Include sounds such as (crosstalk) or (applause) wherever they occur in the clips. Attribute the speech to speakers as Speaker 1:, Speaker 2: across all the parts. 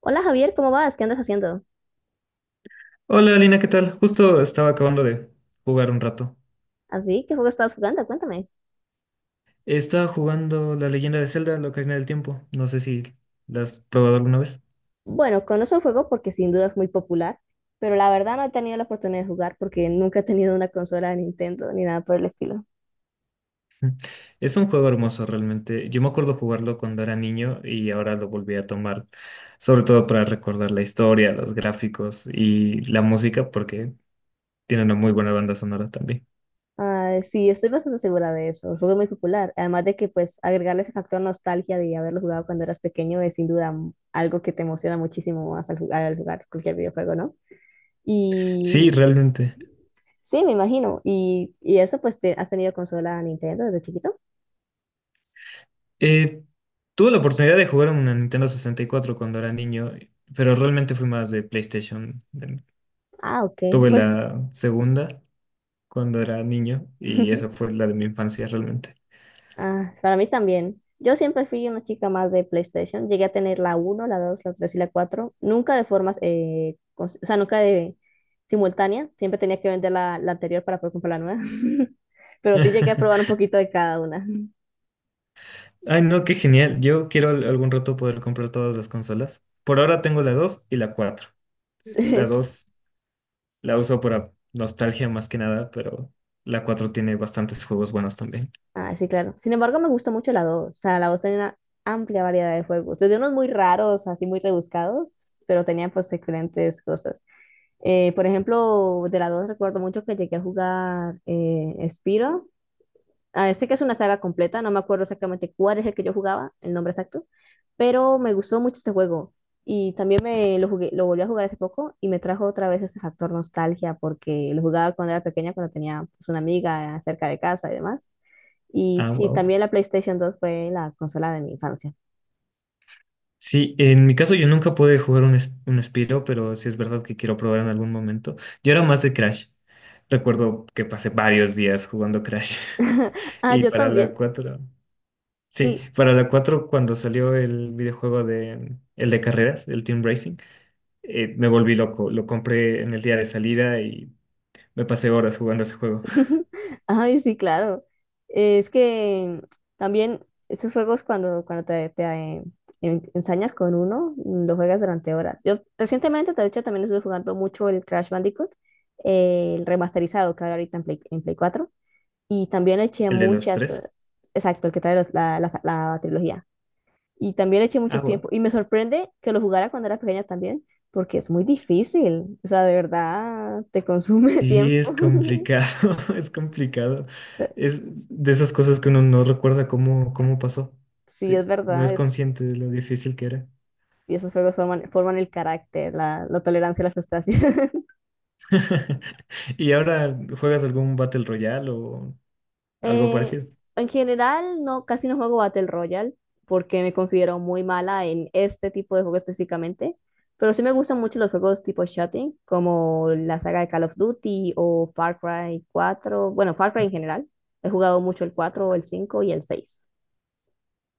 Speaker 1: Hola Javier, ¿cómo vas? ¿Qué andas haciendo?
Speaker 2: Hola Lina, ¿qué tal? Justo estaba acabando de jugar un rato.
Speaker 1: ¿Así? ¿Qué juego estabas jugando? Cuéntame.
Speaker 2: Estaba jugando La Leyenda de Zelda, la Ocarina del Tiempo. No sé si la has probado alguna vez.
Speaker 1: Bueno, conozco el juego porque sin duda es muy popular, pero la verdad no he tenido la oportunidad de jugar porque nunca he tenido una consola de Nintendo ni nada por el estilo.
Speaker 2: Mm. Es un juego hermoso realmente. Yo me acuerdo jugarlo cuando era niño y ahora lo volví a tomar, sobre todo para recordar la historia, los gráficos y la música, porque tiene una muy buena banda sonora también.
Speaker 1: Ah, sí, estoy bastante segura de eso. El juego es muy popular. Además de que, pues, agregarle ese factor nostalgia de haberlo jugado cuando eras pequeño es sin duda algo que te emociona muchísimo más al jugar cualquier videojuego, ¿no?
Speaker 2: Sí,
Speaker 1: Y
Speaker 2: realmente.
Speaker 1: sí, me imagino. Y, eso, pues, ¿has tenido consola Nintendo desde chiquito?
Speaker 2: Eh, tuve la oportunidad de jugar en una Nintendo 64 cuando era niño, pero realmente fui más de PlayStation.
Speaker 1: Ah, ok.
Speaker 2: Tuve
Speaker 1: Bueno.
Speaker 2: la segunda cuando era niño y esa
Speaker 1: (laughs)
Speaker 2: fue la de mi infancia realmente.
Speaker 1: Ah, para mí también. Yo siempre fui una chica más de PlayStation. Llegué a tener la uno, la 2, la 3 y la 4. Nunca de formas, o sea, nunca de simultánea. Siempre tenía que vender la anterior para poder comprar la nueva. (laughs) Pero sí llegué a probar un
Speaker 2: (laughs)
Speaker 1: poquito de cada una. (laughs)
Speaker 2: Ay, no, qué genial. Yo quiero algún rato poder comprar todas las consolas. Por ahora tengo la 2 y la cuatro.
Speaker 1: Sí,
Speaker 2: La
Speaker 1: es-
Speaker 2: 2 la uso para nostalgia más que nada, pero la 4 tiene bastantes juegos buenos también.
Speaker 1: Ah, sí, claro. Sin embargo, me gusta mucho la 2. O sea, la 2 tenía una amplia variedad de juegos. Desde unos muy raros, así muy rebuscados, pero tenía pues excelentes cosas. Por ejemplo, de la 2 recuerdo mucho que llegué a jugar Spyro. Ah, sé que es una saga completa, no me acuerdo exactamente cuál es el que yo jugaba, el nombre exacto, pero me gustó mucho este juego y también me lo jugué, lo volví a jugar hace poco y me trajo otra vez ese factor nostalgia porque lo jugaba cuando era pequeña, cuando tenía pues, una amiga cerca de casa y demás. Y
Speaker 2: Ah,
Speaker 1: sí,
Speaker 2: wow.
Speaker 1: también la PlayStation 2 fue la consola de mi infancia.
Speaker 2: Sí, en mi caso yo nunca pude jugar un Spyro, pero sí es verdad que quiero probar en algún momento. Yo era más de Crash. Recuerdo que pasé varios días jugando Crash. (laughs)
Speaker 1: (laughs) Ah,
Speaker 2: Y
Speaker 1: yo
Speaker 2: para la
Speaker 1: también.
Speaker 2: cuatro. Sí,
Speaker 1: Sí,
Speaker 2: para la 4 cuando salió el videojuego de el de carreras, el Team Racing, me volví loco. Lo compré en el día de salida y me pasé horas jugando ese juego. (laughs)
Speaker 1: (laughs) ay, sí, claro. Es que también esos juegos cuando, ensañas con uno, lo juegas durante horas. Yo recientemente, de hecho, también estuve jugando mucho el Crash Bandicoot, el remasterizado que hay ahorita en Play 4 y también le eché
Speaker 2: El de los
Speaker 1: muchas
Speaker 2: tres.
Speaker 1: horas. Exacto, el que trae la trilogía. Y también le eché mucho
Speaker 2: Agua.
Speaker 1: tiempo. Y me sorprende que lo jugara cuando era pequeña también, porque es muy difícil. O sea, de verdad, te consume (laughs)
Speaker 2: Sí,
Speaker 1: tiempo.
Speaker 2: es complicado, (laughs) es complicado.
Speaker 1: (laughs)
Speaker 2: Es de esas cosas que uno no recuerda cómo pasó.
Speaker 1: Sí, es
Speaker 2: Sí, no
Speaker 1: verdad,
Speaker 2: es consciente de lo difícil que era.
Speaker 1: y esos juegos forman el carácter, la tolerancia a la frustración. (laughs)
Speaker 2: (laughs) ¿Y ahora juegas algún Battle Royale o algo
Speaker 1: Eh,
Speaker 2: parecido?
Speaker 1: en general, no, casi no juego Battle Royale porque me considero muy mala en este tipo de juego específicamente, pero sí me gustan mucho los juegos tipo shooting, como la saga de Call of Duty o Far Cry cuatro, bueno, Far Cry en general. He jugado mucho el cuatro, el 5 y el seis.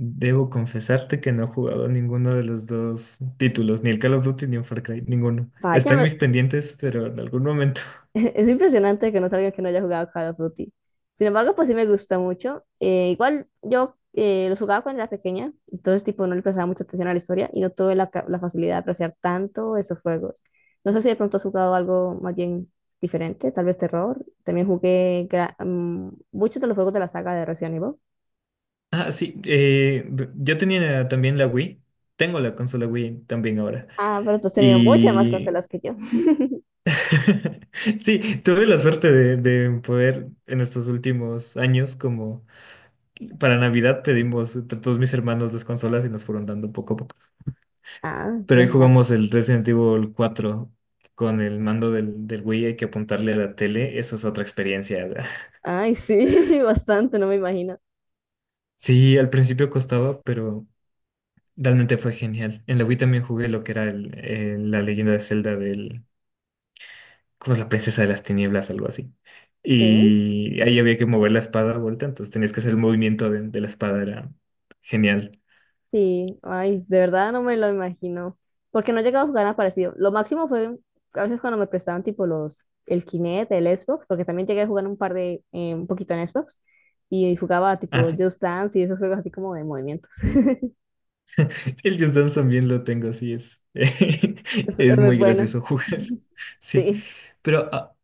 Speaker 2: Debo confesarte que no he jugado ninguno de los dos títulos, ni el Call of Duty ni el Far Cry, ninguno.
Speaker 1: Vaya,
Speaker 2: Están mis
Speaker 1: me-
Speaker 2: pendientes, pero en algún momento. (laughs)
Speaker 1: (laughs) Es impresionante que no salga que no haya jugado Call of Duty. Sin embargo, pues sí me gusta mucho. Igual yo los jugaba cuando era pequeña, entonces tipo no le prestaba mucha atención a la historia y no tuve la facilidad de apreciar tanto esos juegos. No sé si de pronto has jugado algo más bien diferente, tal vez terror. También jugué muchos de los juegos de la saga de Resident Evil.
Speaker 2: Ah, sí, yo tenía también la Wii, tengo la consola Wii también ahora.
Speaker 1: Ah, pero tú has tenido muchas más
Speaker 2: Y
Speaker 1: consolas que yo. (laughs)
Speaker 2: (laughs) sí, tuve la suerte de poder en estos últimos años, como para Navidad pedimos entre todos mis hermanos las consolas y nos fueron dando poco a poco.
Speaker 1: Ah,
Speaker 2: Pero ahí
Speaker 1: imagínate.
Speaker 2: jugamos el Resident Evil 4 con el mando del Wii, hay que apuntarle a la tele, eso es otra experiencia. ¿Verdad? (laughs)
Speaker 1: Ay, sí, (laughs) bastante, no me imagino.
Speaker 2: Sí, al principio costaba, pero realmente fue genial. En la Wii también jugué lo que era la Leyenda de Zelda del, ¿cómo es?, la princesa de las tinieblas, algo así.
Speaker 1: Sí.
Speaker 2: Y ahí había que mover la espada a vuelta, entonces tenías que hacer el movimiento de la espada, era genial.
Speaker 1: Sí, ay, de verdad no me lo imagino. Porque no he llegado a jugar nada parecido. Lo máximo fue a veces cuando me prestaban tipo el Kinect, el Xbox, porque también llegué a jugar un par de, un poquito en Xbox. Y jugaba
Speaker 2: Ah,
Speaker 1: tipo
Speaker 2: sí.
Speaker 1: Just Dance y esos juegos así como de movimientos. (laughs)
Speaker 2: (laughs) El Just Dance también lo tengo, sí, es, (laughs)
Speaker 1: Es
Speaker 2: es
Speaker 1: muy
Speaker 2: muy
Speaker 1: bueno.
Speaker 2: gracioso (laughs) jugar eso. Sí.
Speaker 1: Sí.
Speaker 2: Pero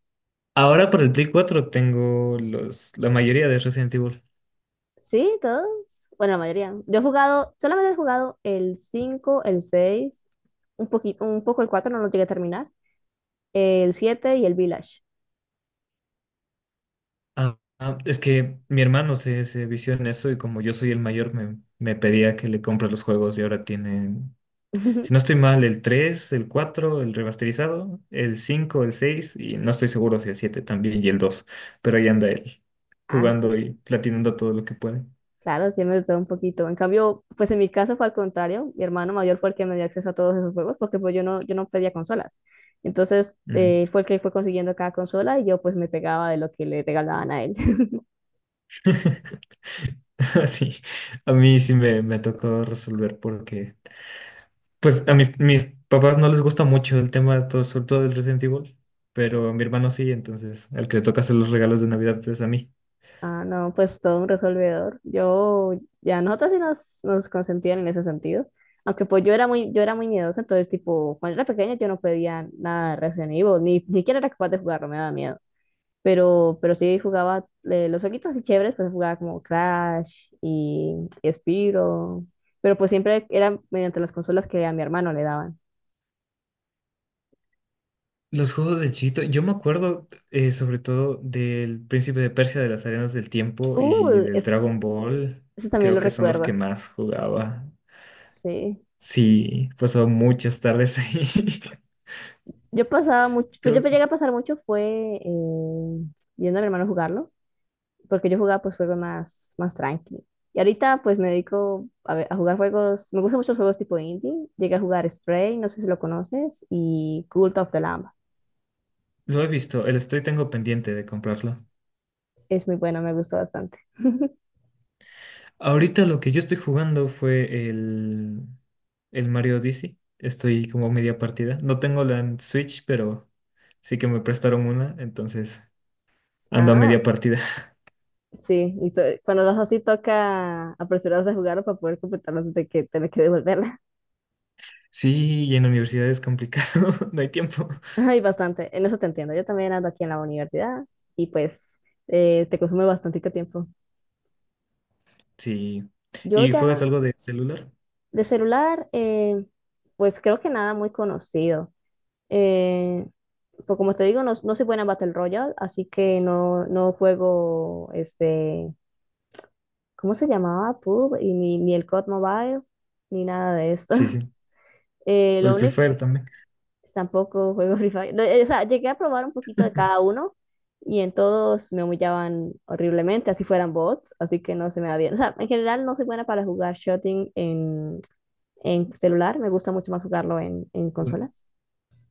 Speaker 2: ahora por el Play 4 tengo la mayoría de Resident Evil.
Speaker 1: Sí, todos. Bueno, la mayoría. Yo he jugado, solamente he jugado el 5, el 6, un poquito, un poco el 4 no lo llegué a terminar. El 7 y el Village.
Speaker 2: Ah, es que mi hermano se vició en eso y como yo soy el mayor me pedía que le compre los juegos y ahora tienen, si no
Speaker 1: (laughs)
Speaker 2: estoy mal, el 3 el 4 el remasterizado, el 5 el 6 y no estoy seguro si el 7 también y el 2 pero ahí anda él
Speaker 1: Ah,
Speaker 2: jugando y platinando todo lo que puede.
Speaker 1: Claro, tiene de todo un poquito. En cambio, pues en mi caso fue al contrario. Mi hermano mayor fue el que me dio acceso a todos esos juegos porque pues yo no pedía consolas. Entonces,
Speaker 2: Ujú.
Speaker 1: fue el que fue consiguiendo cada consola y yo pues me pegaba de lo que le regalaban a él. (laughs)
Speaker 2: (laughs) (laughs) Sí, a mí sí me tocó resolver porque pues a mis papás no les gusta mucho el tema, de todo, sobre todo del Resident Evil, pero a mi hermano sí, entonces al que le toca hacer los regalos de Navidad es a mí.
Speaker 1: Ah, no, pues todo un resolvedor. Yo, ya nosotros sí nos consentían en ese sentido. Aunque pues yo era muy miedosa, entonces tipo, cuando era pequeña yo no pedía nada de Resident Evil, ni siquiera era capaz de jugarlo, me daba miedo. Pero sí jugaba los jueguitos así chéveres, pues jugaba como Crash y Spyro. Pero pues siempre era mediante las consolas que a mi hermano le daban.
Speaker 2: Los juegos de Chito, yo me acuerdo sobre todo del Príncipe de Persia, de las Arenas del Tiempo y
Speaker 1: Uh,
Speaker 2: del
Speaker 1: es-
Speaker 2: Dragon Ball,
Speaker 1: Eso también lo
Speaker 2: creo que son los que
Speaker 1: recuerdo.
Speaker 2: más jugaba.
Speaker 1: Sí.
Speaker 2: Sí, pasó muchas tardes ahí. (laughs)
Speaker 1: Yo pasaba mucho, pues yo
Speaker 2: Creo
Speaker 1: llegué
Speaker 2: que
Speaker 1: a pasar mucho fue eh, viendo a mi hermano jugarlo, porque yo jugaba pues juegos más tranqui. Y ahorita pues me dedico a, a jugar juegos, me gustan mucho los juegos tipo indie. Llegué a jugar Stray, no sé si lo conoces, y Cult of the Lamb.
Speaker 2: lo he visto, el Stray tengo pendiente de comprarlo.
Speaker 1: Es muy bueno, me gustó bastante. (laughs)
Speaker 2: Ahorita lo que yo estoy jugando fue el Mario Odyssey. Estoy como media partida. No tengo la en Switch, pero sí que me prestaron una, entonces ando a
Speaker 1: Ah,
Speaker 2: media partida. (laughs)
Speaker 1: sí. Y cuando das así toca apresurarse a jugarlo para poder completarlo antes de que tener que devolverla.
Speaker 2: Sí, y en la universidad es complicado, (laughs) no hay tiempo.
Speaker 1: (laughs) Ay, bastante. En eso te entiendo. Yo también ando aquí en la universidad y pues te consume bastante tiempo.
Speaker 2: Sí.
Speaker 1: Yo
Speaker 2: ¿Y juegas
Speaker 1: ya
Speaker 2: algo de celular?
Speaker 1: de celular, pues creo que nada muy conocido. Eh, pues como te digo, no, no soy buena en Battle Royale, así que no, no juego este, ¿cómo se llamaba? PUB y ni el COD Mobile, ni nada de esto.
Speaker 2: Sí,
Speaker 1: (laughs)
Speaker 2: sí. O el
Speaker 1: Lo
Speaker 2: Free
Speaker 1: único
Speaker 2: Fire también.
Speaker 1: Tampoco juego Free Fire. No, o sea, llegué a probar un poquito de cada
Speaker 2: (laughs)
Speaker 1: uno y en todos me humillaban horriblemente, así fueran bots, así que no se me da bien. O sea, en general no soy buena para jugar shooting en celular, me gusta mucho más jugarlo en consolas.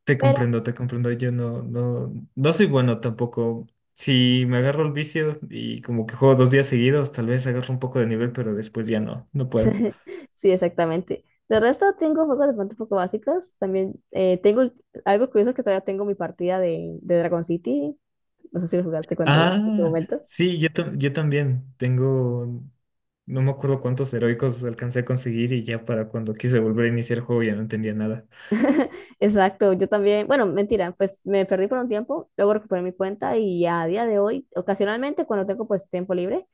Speaker 2: Te
Speaker 1: Pero
Speaker 2: comprendo, te comprendo. Yo no, no, no soy bueno tampoco. Si me agarro el vicio y como que juego 2 días seguidos, tal vez agarro un poco de nivel, pero después ya no, no puedo.
Speaker 1: (laughs) sí, exactamente. De resto tengo juegos de pronto un poco básicos. También tengo algo curioso que todavía tengo mi partida de Dragon City. No sé si lo jugaste cuando en ese
Speaker 2: Ah,
Speaker 1: momento.
Speaker 2: sí, yo, yo también tengo, no me acuerdo cuántos heroicos alcancé a conseguir y ya para cuando quise volver a iniciar el juego ya no entendía nada.
Speaker 1: Exacto, yo también, bueno, mentira, pues me perdí por un tiempo, luego recuperé mi cuenta y a día de hoy, ocasionalmente cuando tengo pues tiempo libre,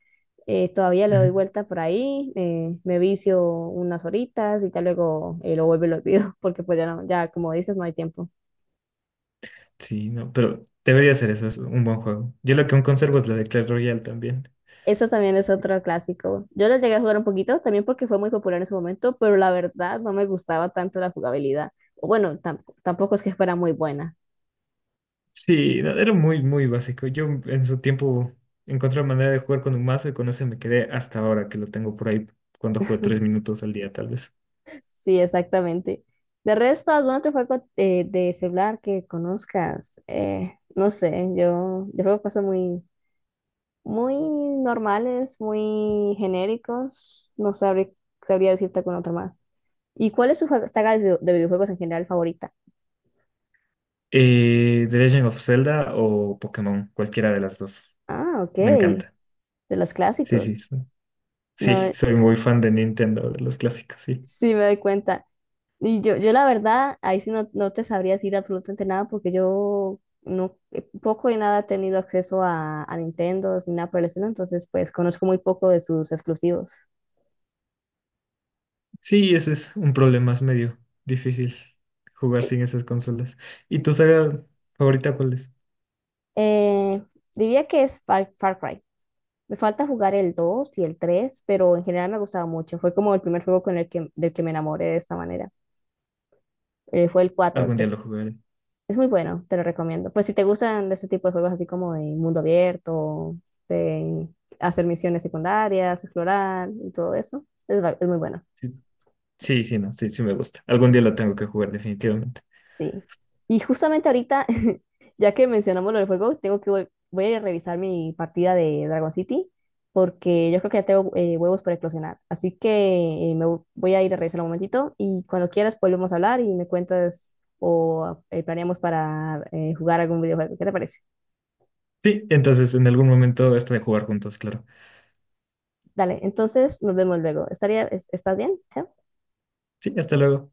Speaker 1: todavía le doy
Speaker 2: Ujú.
Speaker 1: vuelta por ahí, me vicio unas horitas y ya luego lo vuelvo y lo olvido, (laughs) porque pues ya no, ya como dices, no hay tiempo.
Speaker 2: Sí, no, pero debería ser eso, es un buen juego. Yo lo que aún conservo es la de Clash Royale también.
Speaker 1: Eso también es otro clásico. Yo lo llegué a jugar un poquito, también porque fue muy popular en su momento, pero la verdad no me gustaba tanto la jugabilidad. O bueno, tampoco es que fuera muy buena.
Speaker 2: Sí, no, era muy, muy básico. Yo en su tiempo encontré la manera de jugar con un mazo y con ese me quedé hasta ahora que lo tengo por ahí cuando juego 3 minutos al día tal vez.
Speaker 1: Sí, exactamente. De resto, ¿algún otro juego de celular que conozcas? No sé, yo juego cosas muy, muy normales, muy genéricos. No sabría decirte algún otro más. ¿Y cuál es su saga de, de videojuegos en general favorita?
Speaker 2: The Legend of Zelda o Pokémon, cualquiera de las dos.
Speaker 1: Ah, ok,
Speaker 2: Me
Speaker 1: de
Speaker 2: encanta.
Speaker 1: los
Speaker 2: Sí, sí.
Speaker 1: clásicos.
Speaker 2: Sí.
Speaker 1: No,
Speaker 2: Sí,
Speaker 1: Sí.
Speaker 2: soy muy fan de Nintendo, de los clásicos, sí.
Speaker 1: Sí me doy cuenta. Yo la verdad, ahí sí no, no te sabría decir absolutamente nada porque yo no, poco y nada he tenido acceso a Nintendo ni nada por el estilo, entonces pues conozco muy poco de sus exclusivos.
Speaker 2: Sí, ese es un problema, es medio difícil jugar
Speaker 1: Sí.
Speaker 2: sin esas consolas. ¿Y tu saga favorita cuál es?
Speaker 1: Eh, Diría que es Far Cry. Me falta jugar el 2 y el tres, pero en general me ha gustado mucho. Fue como el primer juego con el que, del que me enamoré de esta manera. Fue el cuatro.
Speaker 2: Algún día lo jugaré.
Speaker 1: Es muy bueno, te lo recomiendo. Pues si te gustan de ese tipo de juegos así como de mundo abierto, de hacer misiones secundarias, explorar y todo eso, es muy bueno.
Speaker 2: Sí, sí, sí, no, sí, sí me gusta. Algún día lo tengo que jugar definitivamente.
Speaker 1: Sí. Y justamente ahorita, (laughs) ya que mencionamos lo del juego, tengo que voy a ir a revisar mi partida de Dragon City porque yo creo que ya tengo huevos para eclosionar. Así que voy a ir a revisar un momentito y cuando quieras volvemos a hablar y me cuentas o planeamos para jugar algún videojuego. ¿Qué te parece?
Speaker 2: Sí, entonces en algún momento hasta de jugar juntos, claro.
Speaker 1: Dale, entonces nos vemos luego. ¿Estás bien? Chao.
Speaker 2: Sí, hasta luego.